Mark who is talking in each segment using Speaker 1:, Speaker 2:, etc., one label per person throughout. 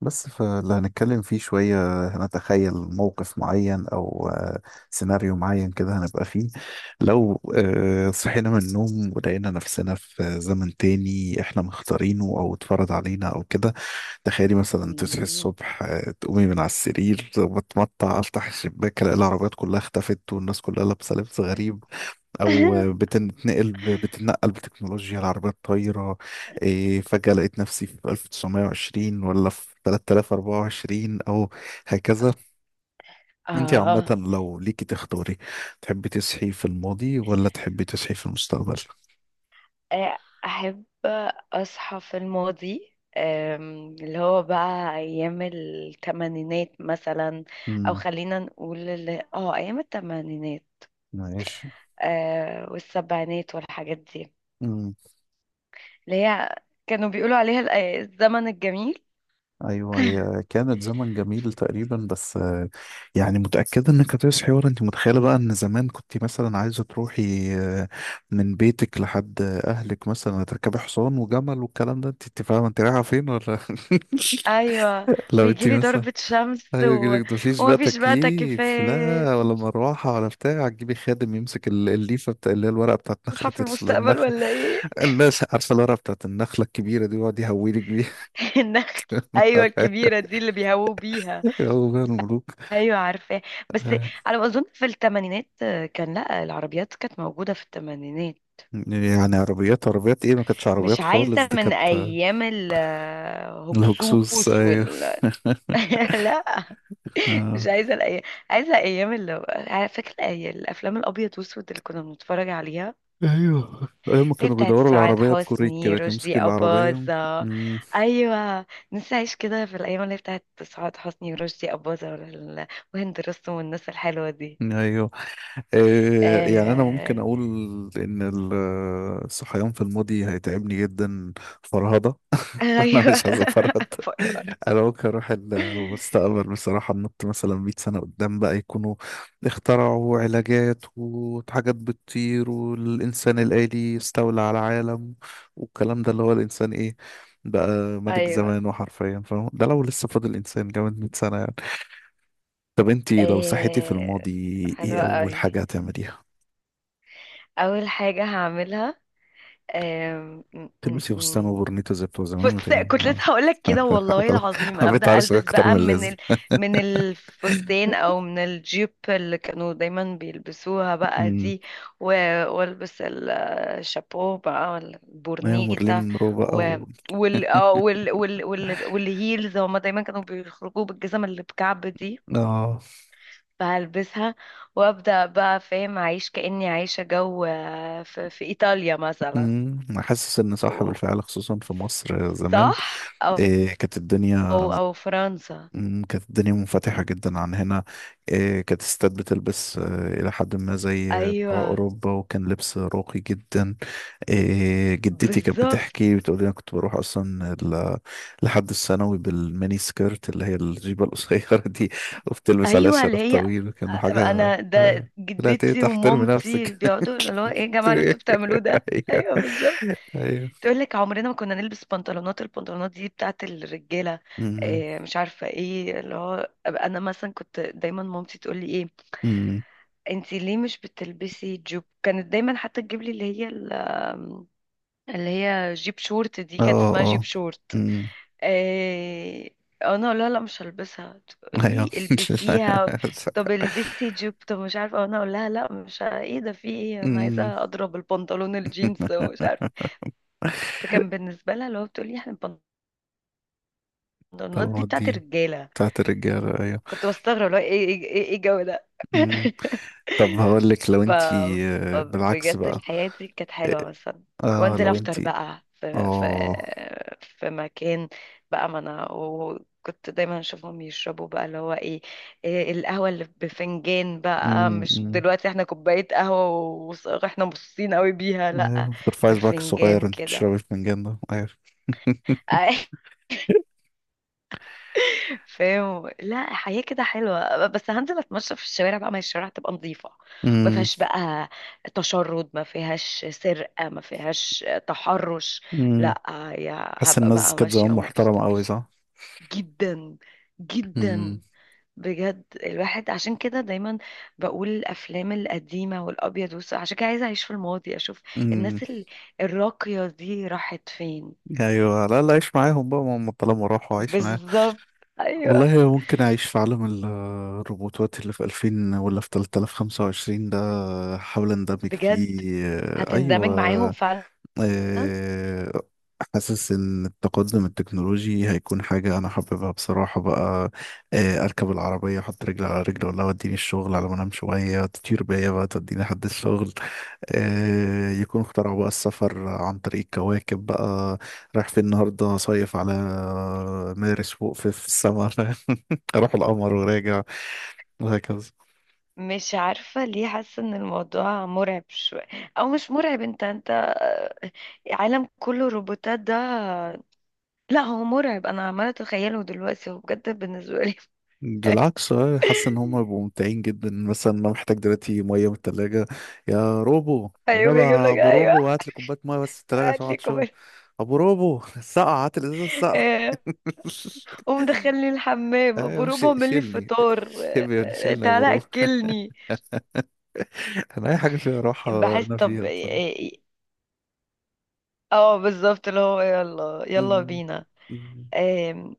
Speaker 1: بس فاللي هنتكلم فيه شوية هنتخيل موقف معين أو سيناريو معين كده هنبقى فيه. لو صحينا من النوم ولقينا نفسنا في زمن تاني احنا مختارينه أو اتفرض علينا أو كده. تخيلي مثلا تصحي
Speaker 2: مم.
Speaker 1: الصبح، تقومي من على السرير بتمطع، أفتح الشباك ألاقي العربيات كلها اختفت والناس كلها لابسة لبس غريب، او بتتنقل بتكنولوجيا العربيه الطايره. فجاه لقيت نفسي في 1920 ولا في 3024 او هكذا. انت
Speaker 2: آه
Speaker 1: عامه لو ليكي تختاري، تحبي تصحي في الماضي ولا تحبي تصحي في المستقبل؟
Speaker 2: آه، أحب أصحى في الماضي، اللي هو بقى أيام التمانينات مثلا. أو
Speaker 1: امم
Speaker 2: خلينا نقول اللي اه أيام التمانينات،
Speaker 1: ماشي.
Speaker 2: والسبعينات والحاجات دي، اللي هي كانوا بيقولوا عليها الزمن الجميل.
Speaker 1: ايوه هي كانت زمن جميل تقريبا، بس يعني متاكده انك هتصحي ورا انت متخيله بقى؟ ان زمان كنت مثلا عايزه تروحي آه، من بيتك لحد اهلك مثلا، تركبي حصان وجمل والكلام ده، انت فاهمه انت رايحه فين ولا
Speaker 2: أيوة،
Speaker 1: لو انت
Speaker 2: ويجيلي
Speaker 1: مثلا،
Speaker 2: ضربة شمس
Speaker 1: ايوه يجيلك مفيش بقى
Speaker 2: ومفيش بقى
Speaker 1: تكييف
Speaker 2: تكييفات.
Speaker 1: لا ولا مروحه ولا بتاع، تجيبي خادم يمسك الليفه بتاع اللي هي الورقه بتاعت
Speaker 2: أصحى
Speaker 1: نخله،
Speaker 2: في المستقبل
Speaker 1: النخل،
Speaker 2: ولا إيه؟
Speaker 1: الناس عارفه الورقه بتاعت النخله الكبيره دي ويقعد يهويلك بيها
Speaker 2: النخل، ايوه الكبيره دي اللي بيهووا بيها.
Speaker 1: هو بقى الملوك.
Speaker 2: ايوه عارفاه، بس على ما اظن في الثمانينات كان، لا، العربيات كانت موجوده في الثمانينات.
Speaker 1: يعني عربيات ايه، ما كانتش
Speaker 2: مش
Speaker 1: عربيات خالص،
Speaker 2: عايزه
Speaker 1: دي
Speaker 2: من
Speaker 1: كانت
Speaker 2: ايام
Speaker 1: الهكسوس
Speaker 2: الهكسوس
Speaker 1: ايوه
Speaker 2: لا، مش
Speaker 1: آه.
Speaker 2: عايزه الايام، عايزه ايام اللي فاكره، الافلام الابيض واسود اللي كنا بنتفرج عليها،
Speaker 1: ايوه ايوه
Speaker 2: اللي
Speaker 1: كانوا
Speaker 2: بتاعت
Speaker 1: بيدوروا
Speaker 2: سعاد
Speaker 1: العربيه بكوريك
Speaker 2: حسني
Speaker 1: كده، كان يمسك
Speaker 2: رشدي
Speaker 1: العربيه.
Speaker 2: أباظة.
Speaker 1: مم.
Speaker 2: أيوة، نفسي أعيش كده في الأيام اللي بتاعت سعاد حسني ورشدي أباظة وهند رستم والناس الحلوة دي.
Speaker 1: ايوه آه يعني انا ممكن
Speaker 2: آه...
Speaker 1: اقول ان الصحيان في الماضي هيتعبني جدا، فرهضه انا
Speaker 2: أيوة.
Speaker 1: مش عايز افرط.
Speaker 2: فرح.
Speaker 1: انا ممكن اروح المستقبل بصراحه، ننط مثلا 100 سنه قدام بقى، يكونوا اخترعوا علاجات وحاجات بتطير والانسان الالي استولى على العالم والكلام ده. اللي هو الانسان ايه بقى، ملك
Speaker 2: أيوه.
Speaker 1: زمانه حرفيا، فاهم ده لو لسه فاضل انسان كمان 100 سنه يعني. طب انتي لو صحيتي في
Speaker 2: آه...
Speaker 1: الماضي ايه
Speaker 2: حلوة
Speaker 1: اول
Speaker 2: أوي.
Speaker 1: حاجه هتعمليها؟
Speaker 2: أول حاجة هعملها، آم،
Speaker 1: تلبسي فستان وبرنيتو زي بتوع زمان
Speaker 2: فستان.
Speaker 1: وتجي
Speaker 2: كنت لسه هقولك كده، والله
Speaker 1: خلاص،
Speaker 2: العظيم،
Speaker 1: انا بقيت
Speaker 2: ابدا
Speaker 1: عارف
Speaker 2: البس
Speaker 1: اكتر من
Speaker 2: بقى
Speaker 1: اللازم.
Speaker 2: من الفستان او من الجيب اللي كانوا دايما بيلبسوها بقى دي، و... والبس الشابو بقى ولا
Speaker 1: ايوه مارلين
Speaker 2: البورنيتا،
Speaker 1: مونرو بقى و...
Speaker 2: و... وال... آه، وال... وال... وال... والهيلز. هما دايما كانوا بيخرجوا بالجزم اللي بكعب دي،
Speaker 1: اه.
Speaker 2: فهلبسها وابدا بقى فاهم اعيش كاني عايشه جو، في ايطاليا مثلا
Speaker 1: أنا حاسس ان صح
Speaker 2: و-
Speaker 1: بالفعل، خصوصا في مصر زمان.
Speaker 2: صح،
Speaker 1: إيه كانت الدنيا.
Speaker 2: أو فرنسا.
Speaker 1: كانت الدنيا منفتحة جدا عن هنا. إيه كانت الستات بتلبس الى حد ما زي بتاع
Speaker 2: ايوه
Speaker 1: اوروبا، وكان لبس راقي جدا. إيه جدتي كانت
Speaker 2: بالظبط.
Speaker 1: بتحكي بتقول لي انا كنت بروح اصلا لحد الثانوي بالميني سكيرت، اللي هي الجيبة القصيرة دي، وبتلبس عليها
Speaker 2: ايوه اللي
Speaker 1: شراب
Speaker 2: هي،
Speaker 1: طويل، كانوا حاجة
Speaker 2: انا ده
Speaker 1: لا
Speaker 2: جدتي
Speaker 1: تحترمي
Speaker 2: ومامتي
Speaker 1: نفسك
Speaker 2: بيقعدوا اللي هو، ايه يا جماعه اللي انتوا بتعملوه ده؟
Speaker 1: ايوه
Speaker 2: ايوه بالظبط.
Speaker 1: ايوه.
Speaker 2: تقول لك: عمرنا ما كنا نلبس بنطلونات، البنطلونات دي بتاعت الرجاله.
Speaker 1: أمم،
Speaker 2: إيه مش عارفه ايه اللي هو، انا مثلا كنت دايما مامتي تقول لي: ايه،
Speaker 1: أمم.
Speaker 2: انتي ليه مش بتلبسي جوب؟ كانت دايما حتى تجيب لي اللي هي اللي هي جيب شورت، دي
Speaker 1: اه
Speaker 2: كانت اسمها جيب
Speaker 1: اه.
Speaker 2: شورت.
Speaker 1: أمم.
Speaker 2: إيه، انا اقول لها لا مش هلبسها،
Speaker 1: ايوه
Speaker 2: تقولي البسيها. طب البسي جيب. طب مش عارفه، انا اقول لها: لا مش ايه ده، في ايه، انا
Speaker 1: أمم.
Speaker 2: عايزه اضرب البنطلون الجينز ومش عارفه. فكان بالنسبه لها اللي هو بتقولي: احنا البنطلونات دي
Speaker 1: طالما
Speaker 2: بتاعت
Speaker 1: دي
Speaker 2: الرجاله.
Speaker 1: بتاعت الرجالة ايوه.
Speaker 2: كنت بستغرب اللي هو ايه ايه ايه إيه الجو ده؟
Speaker 1: أمم. طب هقول لك، لو
Speaker 2: ف...
Speaker 1: انتي بالعكس
Speaker 2: فبجد
Speaker 1: بقى،
Speaker 2: الحياة دي كانت حلوة مثلا.
Speaker 1: اه
Speaker 2: وانزل
Speaker 1: لو
Speaker 2: افطر
Speaker 1: انتي
Speaker 2: بقى
Speaker 1: اه.
Speaker 2: في مكان بقى. ما انا وكنت دايما اشوفهم يشربوا بقى، اللي هو إيه، القهوة اللي بفنجان بقى،
Speaker 1: أمم،
Speaker 2: مش
Speaker 1: أمم.
Speaker 2: دلوقتي احنا كوباية قهوة واحنا مبسوطين قوي بيها، لأ،
Speaker 1: ايوه ترفعي صباعك
Speaker 2: بالفنجان
Speaker 1: الصغير، انت
Speaker 2: كده.
Speaker 1: بتشربي الفنجان ده ايوه
Speaker 2: فاهم، لا حياة كده حلوة. بس هنزل اتمشى في الشوارع بقى، ما هي الشوارع تبقى نظيفة، ما
Speaker 1: أمم،
Speaker 2: فيهاش بقى تشرد، ما فيهاش سرقة، ما فيهاش تحرش،
Speaker 1: أمم.
Speaker 2: لا، يا
Speaker 1: حاسس
Speaker 2: هبقى
Speaker 1: الناس
Speaker 2: بقى
Speaker 1: كانت زمان
Speaker 2: ماشية ومبسوطة.
Speaker 1: محترمة قوي صح؟
Speaker 2: جدا جدا، بجد الواحد عشان كده دايما بقول الافلام القديمه والابيض والاسود، عشان كده عايزه اعيش في الماضي، اشوف
Speaker 1: أمم.
Speaker 2: الناس الراقيه دي راحت فين.
Speaker 1: ايوه لا لا، عيش معاهم بقى، ما هم طالما راحوا عيش معاهم.
Speaker 2: بالظبط. ايوه
Speaker 1: والله ممكن اعيش في عالم الروبوتات اللي في 2000 ولا في 3025 ده، احاول اندمج
Speaker 2: بجد
Speaker 1: فيه.
Speaker 2: هتندمج معاهم
Speaker 1: ايوه.
Speaker 2: فعلا.
Speaker 1: آه، حاسس ان التقدم التكنولوجي هيكون حاجة انا حاببها بصراحة بقى. اركب العربية احط رجل على رجل، ولا وديني الشغل على ما انام شوية، تطير بيا بقى توديني لحد الشغل. يكون اخترعوا بقى السفر عن طريق الكواكب بقى، رايح في النهاردة صيف على مارس فوق في في السماء راح القمر وراجع، وهكذا.
Speaker 2: مش عارفة ليه حاسة ان الموضوع مرعب شوية، او مش مرعب، انت انت عالم كله روبوتات ده. لا هو مرعب، انا عمالة اتخيله دلوقتي، هو بجد بالنسبة لي.
Speaker 1: بالعكس حاسس ان هم بيبقوا ممتعين جدا. مثلا انا محتاج دلوقتي ميه من التلاجة، يا روبو
Speaker 2: ايوه
Speaker 1: والنبي
Speaker 2: يجيب
Speaker 1: يا
Speaker 2: لك،
Speaker 1: ابو
Speaker 2: ايوه
Speaker 1: روبو هات لي كوبايه ميه بس التلاجة عشان
Speaker 2: هات لي
Speaker 1: اقعد شغل.
Speaker 2: كمان،
Speaker 1: ابو روبو السقعة، هات الازازه السقعة
Speaker 2: آه، قوم دخلني الحمام ابو
Speaker 1: ايوه
Speaker 2: روبا، اعمل لي
Speaker 1: شيلني
Speaker 2: فطار،
Speaker 1: شيلني شيلني يا ابو
Speaker 2: تعالى
Speaker 1: روبو
Speaker 2: اكلني.
Speaker 1: انا اي حاجه فيها راحه
Speaker 2: بحس
Speaker 1: انا
Speaker 2: طب
Speaker 1: فيها
Speaker 2: اه،
Speaker 1: بصراحه.
Speaker 2: بالظبط اللي هو يلا يلا
Speaker 1: مم.
Speaker 2: بينا.
Speaker 1: مم.
Speaker 2: آم،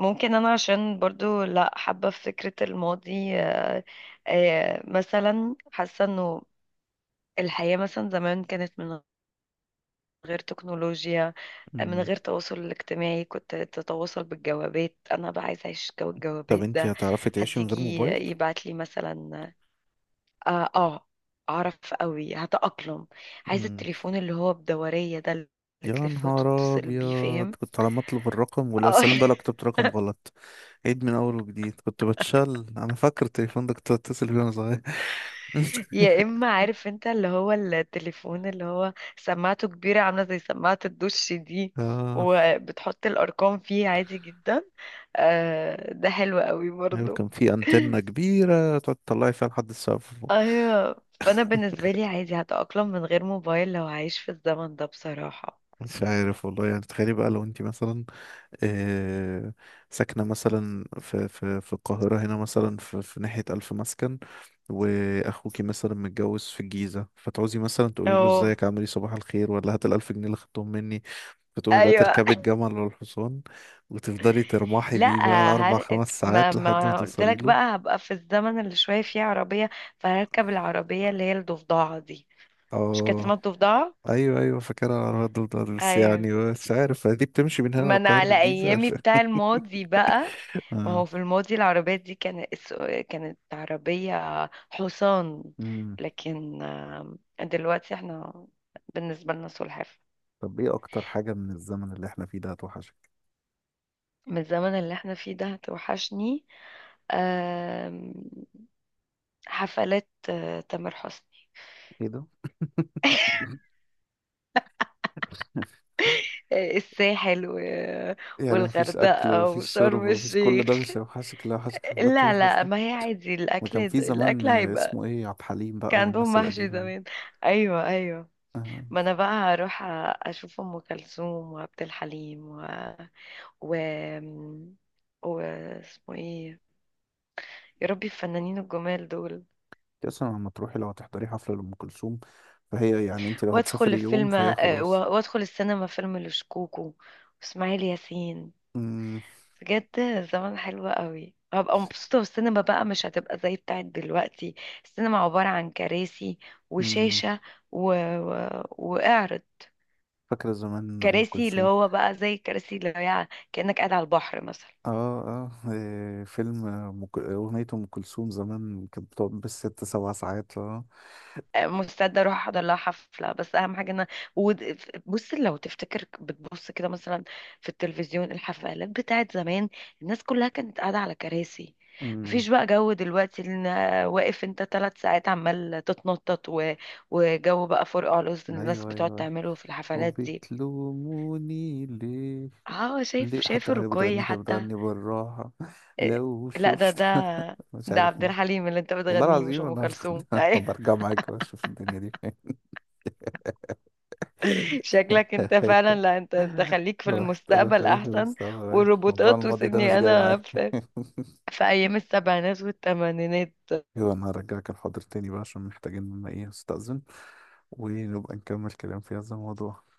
Speaker 2: ممكن انا عشان برضو لا حابة في فكرة الماضي، مثلا حاسة انه الحياة مثلا زمان كانت من غير تكنولوجيا، من
Speaker 1: مم.
Speaker 2: غير تواصل اجتماعي، كنت تتواصل بالجوابات، انا بقى عايزة اعيش جو
Speaker 1: طب
Speaker 2: الجوابات
Speaker 1: انتي
Speaker 2: ده.
Speaker 1: هتعرفي
Speaker 2: حد
Speaker 1: تعيشي من غير
Speaker 2: يجي
Speaker 1: موبايل؟
Speaker 2: يبعت لي مثلا، اه، اعرف قوي هتأقلم. عايزة
Speaker 1: مم.
Speaker 2: التليفون اللي هو بدورية ده، اللي
Speaker 1: يا
Speaker 2: تلف
Speaker 1: نهار
Speaker 2: وتتصل بيه،
Speaker 1: أبيض،
Speaker 2: فاهم.
Speaker 1: كنت على ما أطلب الرقم ولا
Speaker 2: اه.
Speaker 1: سلام بقى، لو كتبت رقم غلط عيد من أول وجديد. كنت بتشل، أنا فاكر التليفون ده كنت بتصل بيه وأنا صغير
Speaker 2: يا اما، عارف انت اللي هو التليفون اللي هو سماعته كبيرة عاملة زي سماعة الدش دي،
Speaker 1: آه،
Speaker 2: وبتحط الارقام فيه عادي جدا. آه ده حلو قوي
Speaker 1: أيوة
Speaker 2: برضو.
Speaker 1: كان في أنتنة كبيرة تقعد تطلعي فيها لحد السقف فوق.
Speaker 2: ايوه، فانا بالنسبة لي عادي هتأقلم من غير موبايل لو هعيش في الزمن ده بصراحة.
Speaker 1: مش عارف والله، يعني تخيلي بقى لو انتي مثلا آه، ساكنة مثلا في القاهرة هنا، مثلا في ناحية ألف مسكن، وأخوكي مثلا متجوز في الجيزة، فتعوزي مثلا تقولي له
Speaker 2: اه
Speaker 1: ازيك عامل ايه صباح الخير، ولا هات الألف جنيه اللي خدتهم مني، فتقومي بقى
Speaker 2: ايوه.
Speaker 1: تركبي الجمل ولا الحصان، وتفضلي ترمحي
Speaker 2: لا،
Speaker 1: بيه بقى أربع
Speaker 2: هر...
Speaker 1: خمس
Speaker 2: ما
Speaker 1: ساعات لحد ما
Speaker 2: ما قلت
Speaker 1: توصلي
Speaker 2: لك
Speaker 1: له.
Speaker 2: بقى، هبقى في الزمن اللي شويه فيه عربيه، فهركب العربيه اللي هي الضفدعه دي. مش كانت
Speaker 1: اه،
Speaker 2: اسمها الضفدعه؟
Speaker 1: ايوه ايوه فاكرها على الدودار، بس
Speaker 2: ايوه.
Speaker 1: يعني مش عارف دي بتمشي من هنا
Speaker 2: ما انا
Speaker 1: للقاهرة
Speaker 2: على
Speaker 1: الجيزة
Speaker 2: ايامي بتاع الماضي بقى. ما هو
Speaker 1: اه.
Speaker 2: في الماضي العربيات دي كانت، عربية حصان.
Speaker 1: مم.
Speaker 2: لكن دلوقتي احنا بالنسبة لنا سلحفاة.
Speaker 1: طب ايه اكتر حاجة من الزمن اللي احنا فيه ده هتوحشك؟
Speaker 2: من الزمن اللي احنا فيه ده توحشني، آم، حفلات تامر حسني،
Speaker 1: ايه ده؟
Speaker 2: الساحل
Speaker 1: يعني مفيش أكل
Speaker 2: والغردقة
Speaker 1: مفيش شرب
Speaker 2: وشرم
Speaker 1: مفيش كل ده
Speaker 2: الشيخ.
Speaker 1: مش هيوحشك، لا وحشك حفلات تامر
Speaker 2: لا لا،
Speaker 1: حسني؟
Speaker 2: ما هي عادي،
Speaker 1: ده
Speaker 2: الأكل
Speaker 1: كان في زمان
Speaker 2: الأكل هيبقى
Speaker 1: اسمه إيه، عبد الحليم
Speaker 2: كان
Speaker 1: بقى
Speaker 2: عندهم
Speaker 1: والناس
Speaker 2: محشي
Speaker 1: القديمة دي.
Speaker 2: زمان. أيوة أيوة،
Speaker 1: آه،
Speaker 2: ما انا بقى هروح اشوف ام كلثوم وعبد الحليم و و و اسمه ايه، يا ربي الفنانين الجمال دول.
Speaker 1: أنت أصلا لما تروحي، لو هتحضري حفلة لأم كلثوم فهي يعني أنت لو
Speaker 2: وادخل
Speaker 1: هتسافري يوم
Speaker 2: الفيلم،
Speaker 1: فهي خلاص.
Speaker 2: وادخل السينما فيلم لشكوكو واسماعيل ياسين.
Speaker 1: أمم،
Speaker 2: بجد زمان حلو قوي، هبقى مبسوطة، والسينما بقى مش هتبقى زي بتاعت دلوقتي، السينما عبارة عن كراسي
Speaker 1: أمم،
Speaker 2: وشاشة وإعرض.
Speaker 1: فاكرة زمان أم
Speaker 2: كراسي اللي
Speaker 1: كلثوم؟
Speaker 2: هو بقى زي الكراسي اللي هي كأنك قاعد على البحر مثلا.
Speaker 1: آه آه فيلم آه، أم ك- أغنية أم كلثوم زمان كانت بتقعد بالست سبع ساعات آه.
Speaker 2: مستعده اروح احضر لها حفله، بس اهم حاجه ان ود- بص، لو تفتكر بتبص كده مثلا في التلفزيون الحفلات بتاعت زمان، الناس كلها كانت قاعده على كراسي،
Speaker 1: أمم،
Speaker 2: مفيش بقى جو دلوقتي ان واقف انت 3 ساعات عمال تتنطط وجو بقى فرقع على
Speaker 1: أيوه
Speaker 2: الناس
Speaker 1: أيوه
Speaker 2: بتقعد
Speaker 1: أيوة.
Speaker 2: تعمله في الحفلات دي.
Speaker 1: وبتلوموني ليه.
Speaker 2: اه شايف
Speaker 1: ليه
Speaker 2: شايف
Speaker 1: حتى وهي
Speaker 2: الرقية
Speaker 1: بتغني كانت
Speaker 2: حتى.
Speaker 1: بتغني بالراحة،
Speaker 2: إيه،
Speaker 1: لو
Speaker 2: لا
Speaker 1: شفت مش
Speaker 2: ده
Speaker 1: عارف
Speaker 2: عبد
Speaker 1: مين.
Speaker 2: الحليم اللي انت
Speaker 1: والله
Speaker 2: بتغنيه مش
Speaker 1: العظيم
Speaker 2: ام
Speaker 1: انا
Speaker 2: كلثوم.
Speaker 1: برجع معاك واشوف الدنيا دي فين
Speaker 2: شكلك انت فعلا، لا انت خليك في
Speaker 1: رحت انا
Speaker 2: المستقبل
Speaker 1: خليفة،
Speaker 2: احسن.
Speaker 1: بس طبعاً موضوع
Speaker 2: والروبوتات،
Speaker 1: الماضي ده مش
Speaker 2: وسيبني
Speaker 1: جاي
Speaker 2: انا
Speaker 1: معايا
Speaker 2: في, في ايام السبعينات والثمانينات
Speaker 1: يلا انا هرجعك الحاضر تاني بقى، عشان محتاجين ان ايه استأذن، ونبقى نكمل كلام في هذا الموضوع.